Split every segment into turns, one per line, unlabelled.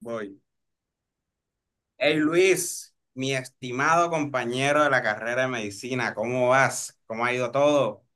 Voy. Hey Luis, mi estimado compañero de la carrera de medicina, ¿cómo vas? ¿Cómo ha ido todo?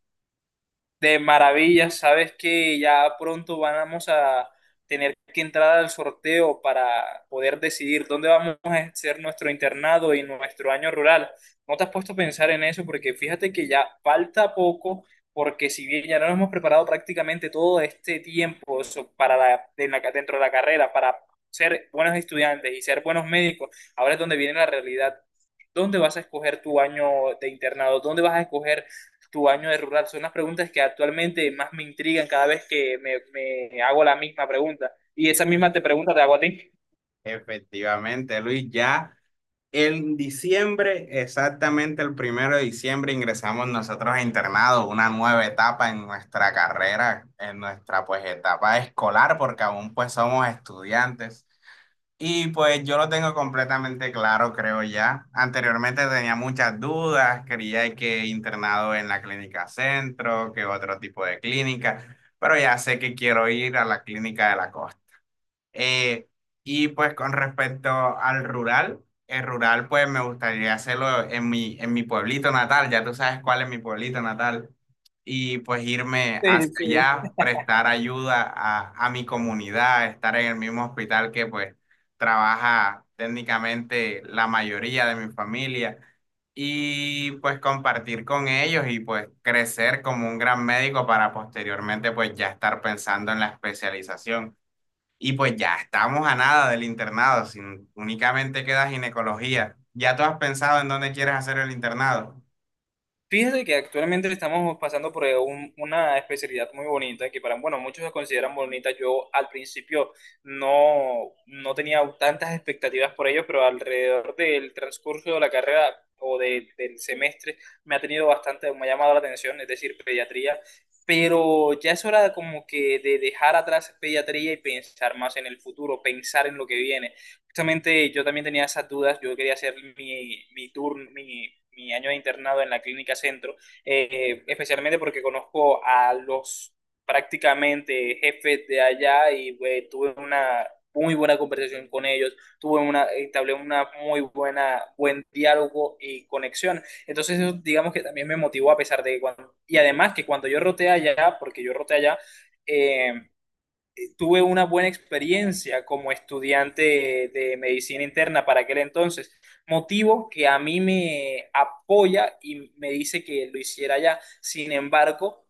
De maravilla, sabes que ya pronto vamos a tener que entrar al sorteo para poder decidir dónde vamos a hacer nuestro internado y nuestro año rural. ¿No te has puesto a pensar en eso? Porque fíjate que ya falta poco, porque si bien ya no nos hemos preparado prácticamente todo este tiempo para dentro de la carrera, para ser buenos estudiantes y ser buenos médicos, ahora es donde viene la realidad. ¿Dónde vas a escoger tu año de internado? ¿Dónde vas a escoger tu año de rural? Son las preguntas que actualmente más me intrigan cada vez que me hago la misma pregunta. Y
Sí,
esa misma
efectivamente.
te pregunta te hago a ti.
Efectivamente, Luis, ya en diciembre, exactamente el primero de diciembre, ingresamos nosotros a internado, una nueva etapa en nuestra carrera, en nuestra pues etapa escolar, porque aún pues somos estudiantes. Y pues yo lo tengo completamente claro, creo ya. Anteriormente tenía muchas dudas, quería que internado en la clínica centro, que otro tipo de clínica, pero ya sé que quiero ir a la clínica de la costa. Eh, y pues con respecto al rural, el rural pues me gustaría hacerlo en en mi pueblito natal, ya tú sabes cuál es mi pueblito natal, y pues irme
Sí,
hacia
sí.
allá, prestar ayuda a mi comunidad, estar en el mismo hospital que pues trabaja técnicamente la mayoría de mi familia, y pues compartir con ellos y pues crecer como un gran médico para posteriormente pues ya estar pensando en la especialización. Y pues ya estamos a nada del internado, si únicamente queda ginecología. ¿Ya tú has pensado en dónde quieres hacer el internado?
Fíjate que actualmente estamos pasando por una especialidad muy bonita que para, bueno, muchos la consideran bonita. Yo al principio no tenía tantas expectativas por ello, pero alrededor del transcurso de la carrera o del semestre me ha tenido bastante, me ha llamado la atención, es decir, pediatría. Pero ya es hora como que de dejar atrás pediatría y pensar más en el futuro, pensar en lo que viene justamente yo también tenía esas dudas, yo quería hacer mi tour, mi año de internado en la clínica centro, especialmente porque conozco a los prácticamente jefes de allá y pues, tuve una muy buena conversación con ellos, tuve una, entablé una muy buena, buen diálogo y conexión. Entonces, eso, digamos que también me motivó a pesar de que cuando, y además que cuando yo roté allá, porque yo roté allá, eh, tuve una buena experiencia como estudiante de medicina interna para aquel entonces, motivo que a mí me apoya y me dice que lo hiciera ya. Sin embargo,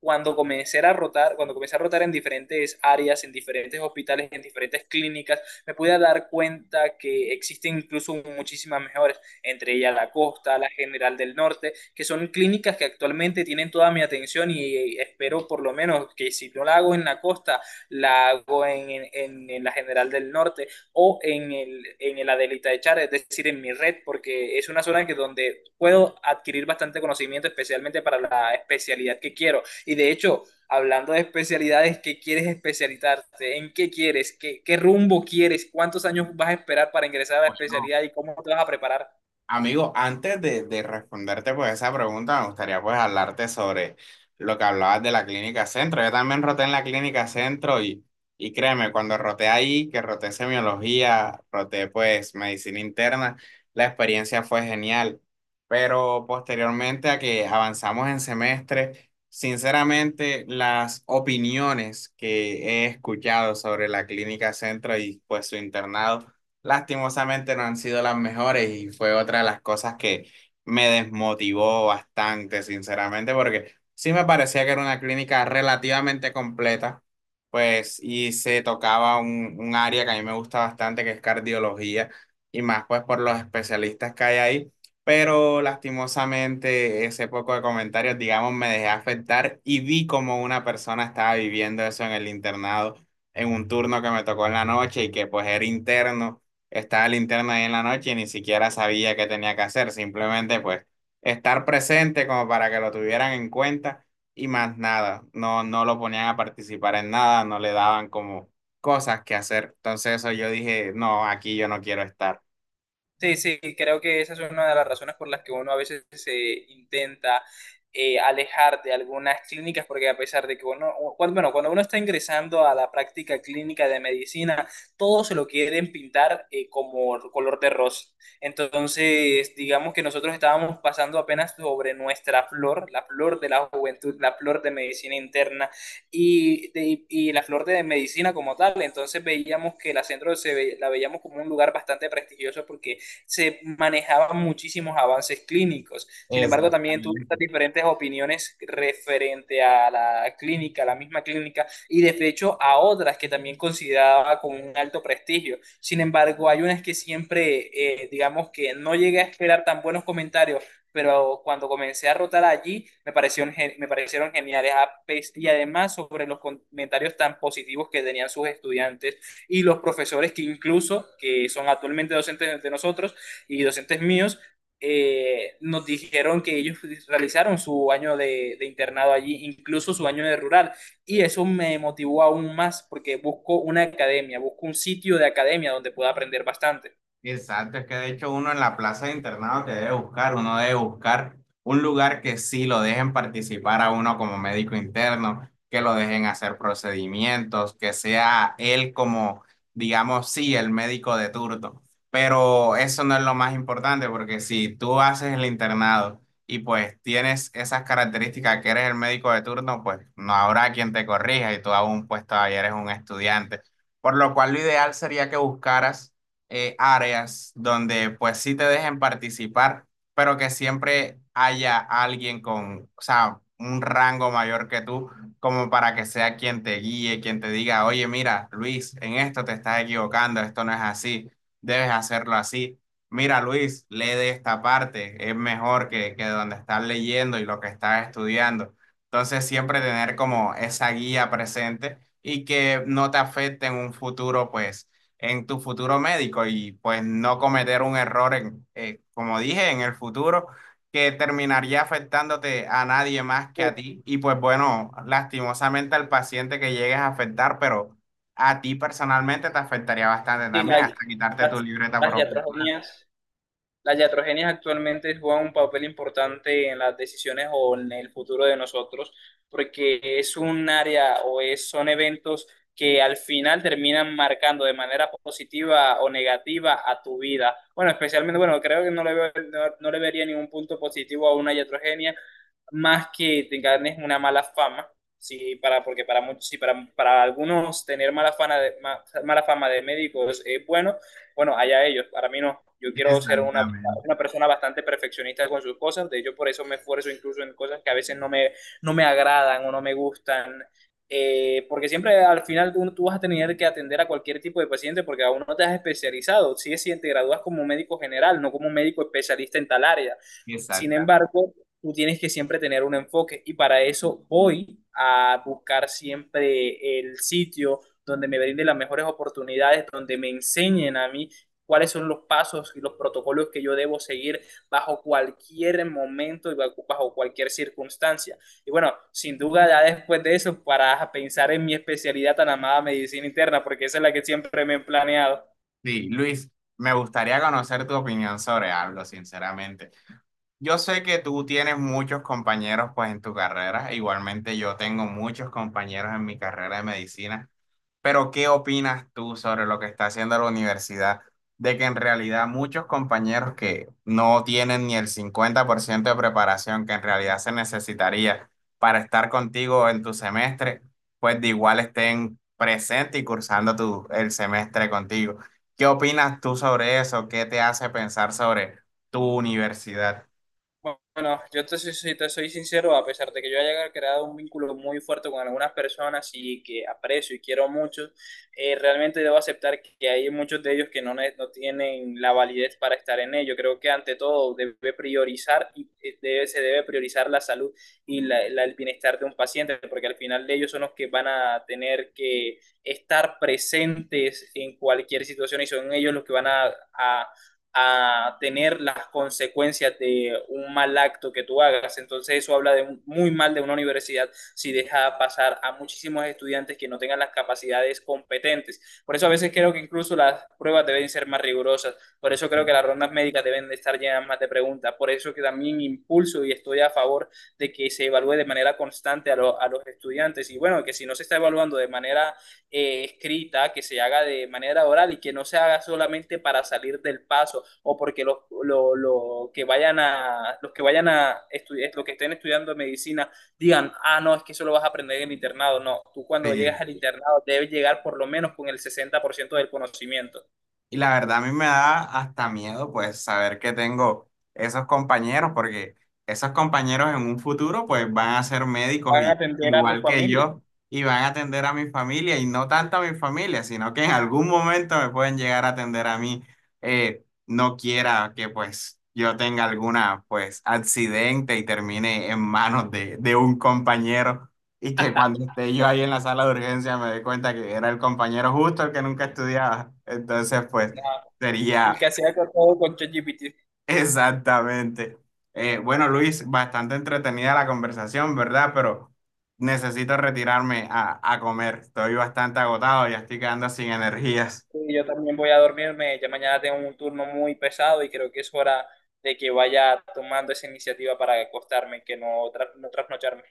cuando comencé a rotar, cuando comencé a rotar en diferentes áreas, en diferentes hospitales, en diferentes clínicas, me pude dar cuenta que existen incluso muchísimas mejores, entre ellas la Costa, la General del Norte, que son clínicas que actualmente tienen toda mi atención y espero por lo menos que si no la hago en la Costa, la hago en la General del Norte o en en el Adelita de Char, es decir, en mi red, porque es una zona que donde puedo adquirir bastante conocimiento, especialmente para la especialidad que quiero. Y de hecho, hablando de especialidades, ¿qué quieres especializarte? ¿En qué quieres? Qué rumbo quieres? ¿Cuántos años vas a esperar para ingresar a la especialidad y cómo te vas a preparar?
Amigo, antes de responderte pues esa pregunta, me gustaría pues hablarte sobre lo que hablabas de la clínica centro. Yo también roté en la clínica centro y créeme, cuando roté ahí, que roté semiología, roté pues medicina interna, la experiencia fue genial. Pero posteriormente a que avanzamos en semestre, sinceramente las opiniones que he escuchado sobre la clínica centro y pues su internado lastimosamente no han sido las mejores y fue otra de las cosas que me desmotivó bastante, sinceramente, porque sí me parecía que era una clínica relativamente completa, pues, y se tocaba un área que a mí me gusta bastante, que es cardiología, y más pues por los especialistas que hay ahí. Pero lastimosamente ese poco de comentarios, digamos, me dejé afectar y vi como una persona estaba viviendo eso en el internado, en un turno que me tocó en la noche y que pues era interno estaba linterna ahí en la noche y ni siquiera sabía qué tenía que hacer, simplemente pues estar presente como para que lo tuvieran en cuenta y más nada, no, no lo ponían a participar en nada, no le daban como cosas que hacer, entonces eso yo dije, no, aquí yo no quiero estar.
Sí, sí, creo que esa es una de las razones por las que uno a veces se intenta alejar de algunas clínicas, porque a pesar de que cuando, bueno, cuando uno está ingresando a la práctica clínica de medicina, todos se lo quieren pintar como color de rosa. Entonces, digamos que nosotros estábamos pasando apenas sobre nuestra flor, la flor de la juventud, la flor de medicina interna y, y la flor de medicina como tal. Entonces veíamos que la centro la veíamos como un lugar bastante prestigioso porque se manejaban muchísimos avances clínicos. Sin embargo, también tuve
Exactamente.
estas diferentes opiniones referente a la clínica, a la misma clínica, y de hecho a otras que también consideraba con un alto prestigio. Sin embargo, hay unas que siempre, digamos que no llegué a esperar tan buenos comentarios, pero cuando comencé a rotar allí me parecieron, me parecieron geniales. Y además sobre los comentarios tan positivos que tenían sus estudiantes y los profesores que incluso, que son actualmente docentes de nosotros, y docentes míos nos dijeron que ellos realizaron su año de internado allí, incluso su año de rural, y eso me motivó aún más porque busco una academia, busco un sitio de academia donde pueda aprender bastante.
Exacto, es que de hecho uno en la plaza de internado que debe buscar, uno debe buscar un lugar que sí lo dejen participar a uno como médico interno, que lo dejen hacer procedimientos, que sea él como, digamos, sí, el médico de turno. Pero eso no es lo más importante, porque si tú haces el internado y pues tienes esas características que eres el médico de turno, pues no habrá quien te corrija y tú aún pues todavía eres un estudiante. Por lo cual lo ideal sería que buscaras áreas donde pues sí te dejen participar, pero que siempre haya alguien con, o sea, un rango mayor que tú, como para que sea quien te guíe, quien te diga, oye, mira, Luis, en esto te estás equivocando, esto no es así, debes hacerlo así. Mira, Luis, lee de esta parte, es mejor que donde estás leyendo y lo que estás estudiando. Entonces, siempre tener como esa guía presente y que no te afecte en un futuro, pues en tu futuro médico y pues no cometer un error en, como dije, en el futuro que terminaría afectándote a nadie más que
Sí,
a ti y pues bueno, lastimosamente al paciente que llegues a afectar, pero a ti personalmente te afectaría bastante
sí,
también, hasta quitarte tu
las,
libreta por
las
ojo.
iatrogenias. Las iatrogenias actualmente juegan un papel importante en las decisiones o en el futuro de nosotros, porque es un área o es, son eventos que al final terminan marcando de manera positiva o negativa a tu vida. Bueno, especialmente, bueno, creo que no le, no le vería ningún punto positivo a una iatrogenia, más que te ganes una mala fama. Sí, para, porque para muchos, sí, para algunos tener mala fama mala fama de médicos es bueno, bueno, allá ellos, para mí no. Yo quiero ser
Exactamente,
una persona bastante perfeccionista con sus cosas, de hecho por eso me esfuerzo incluso en cosas que a veces no me agradan o no me gustan, porque siempre al final tú vas a tener que atender a cualquier tipo de paciente porque aún no te has especializado, si sí, si te gradúas como médico general, no como médico especialista en tal área. Sin
exactamente.
embargo, tú tienes que siempre tener un enfoque y para eso voy a buscar siempre el sitio donde me brinde las mejores oportunidades, donde me enseñen a mí cuáles son los pasos y los protocolos que yo debo seguir bajo cualquier momento y bajo cualquier circunstancia. Y bueno, sin duda ya después de eso, para pensar en mi especialidad tan amada medicina interna, porque esa es la que siempre me he planeado.
Sí, Luis, me gustaría conocer tu opinión sobre algo, sinceramente. Yo sé que tú tienes muchos compañeros pues en tu carrera, igualmente yo tengo muchos compañeros en mi carrera de medicina, pero ¿qué opinas tú sobre lo que está haciendo la universidad? De que en realidad muchos compañeros que no tienen ni el 50% de preparación que en realidad se necesitaría para estar contigo en tu semestre, pues de igual estén presentes y cursando el semestre contigo. ¿Qué opinas tú sobre eso? ¿Qué te hace pensar sobre tu universidad?
Bueno, si te soy sincero, a pesar de que yo haya creado un vínculo muy fuerte con algunas personas y que aprecio y quiero mucho, realmente debo aceptar que hay muchos de ellos que no tienen la validez para estar en ello. Creo que ante todo debe priorizar y se debe priorizar la salud y el bienestar de un paciente, porque al final de ellos son los que van a tener que estar presentes en cualquier situación y son ellos los que van a tener las consecuencias de un mal acto que tú hagas. Entonces eso habla de muy mal de una universidad si deja pasar a muchísimos estudiantes que no tengan las capacidades competentes. Por eso a veces creo que incluso las pruebas deben ser más rigurosas. Por eso creo que las rondas médicas deben de estar llenas más de preguntas. Por eso que también impulso y estoy a favor de que se evalúe de manera constante a los estudiantes. Y bueno, que si no se está evaluando de manera escrita, que se haga de manera oral y que no se haga solamente para salir del paso o porque lo que los que vayan a estudiar, los que estén estudiando medicina digan, ah, no, es que eso lo vas a aprender en el internado. No, tú cuando llegas al
Sí,
internado debes llegar por lo menos con el 60% del conocimiento.
y la verdad a mí me da hasta miedo pues saber que tengo esos compañeros porque esos compañeros en un futuro pues van a ser médicos
Van a
y,
atender a tu
igual que
familia.
yo y van a atender a mi familia y no tanto a mi familia sino que en algún momento me pueden llegar a atender a mí. No quiera que pues yo tenga alguna pues accidente y termine en manos de un compañero. Y que cuando esté yo ahí en la sala de urgencia me dé cuenta que era el compañero justo el que nunca estudiaba. Entonces, pues,
No, el que
sería
hacía todo con ChatGPT.
exactamente. Bueno, Luis, bastante entretenida la conversación, ¿verdad? Pero necesito retirarme a comer. Estoy bastante agotado, ya estoy quedando sin energías.
Sí, yo también voy a dormirme, ya mañana tengo un turno muy pesado y creo que es hora de que vaya tomando esa iniciativa para acostarme, que no, no trasnocharme.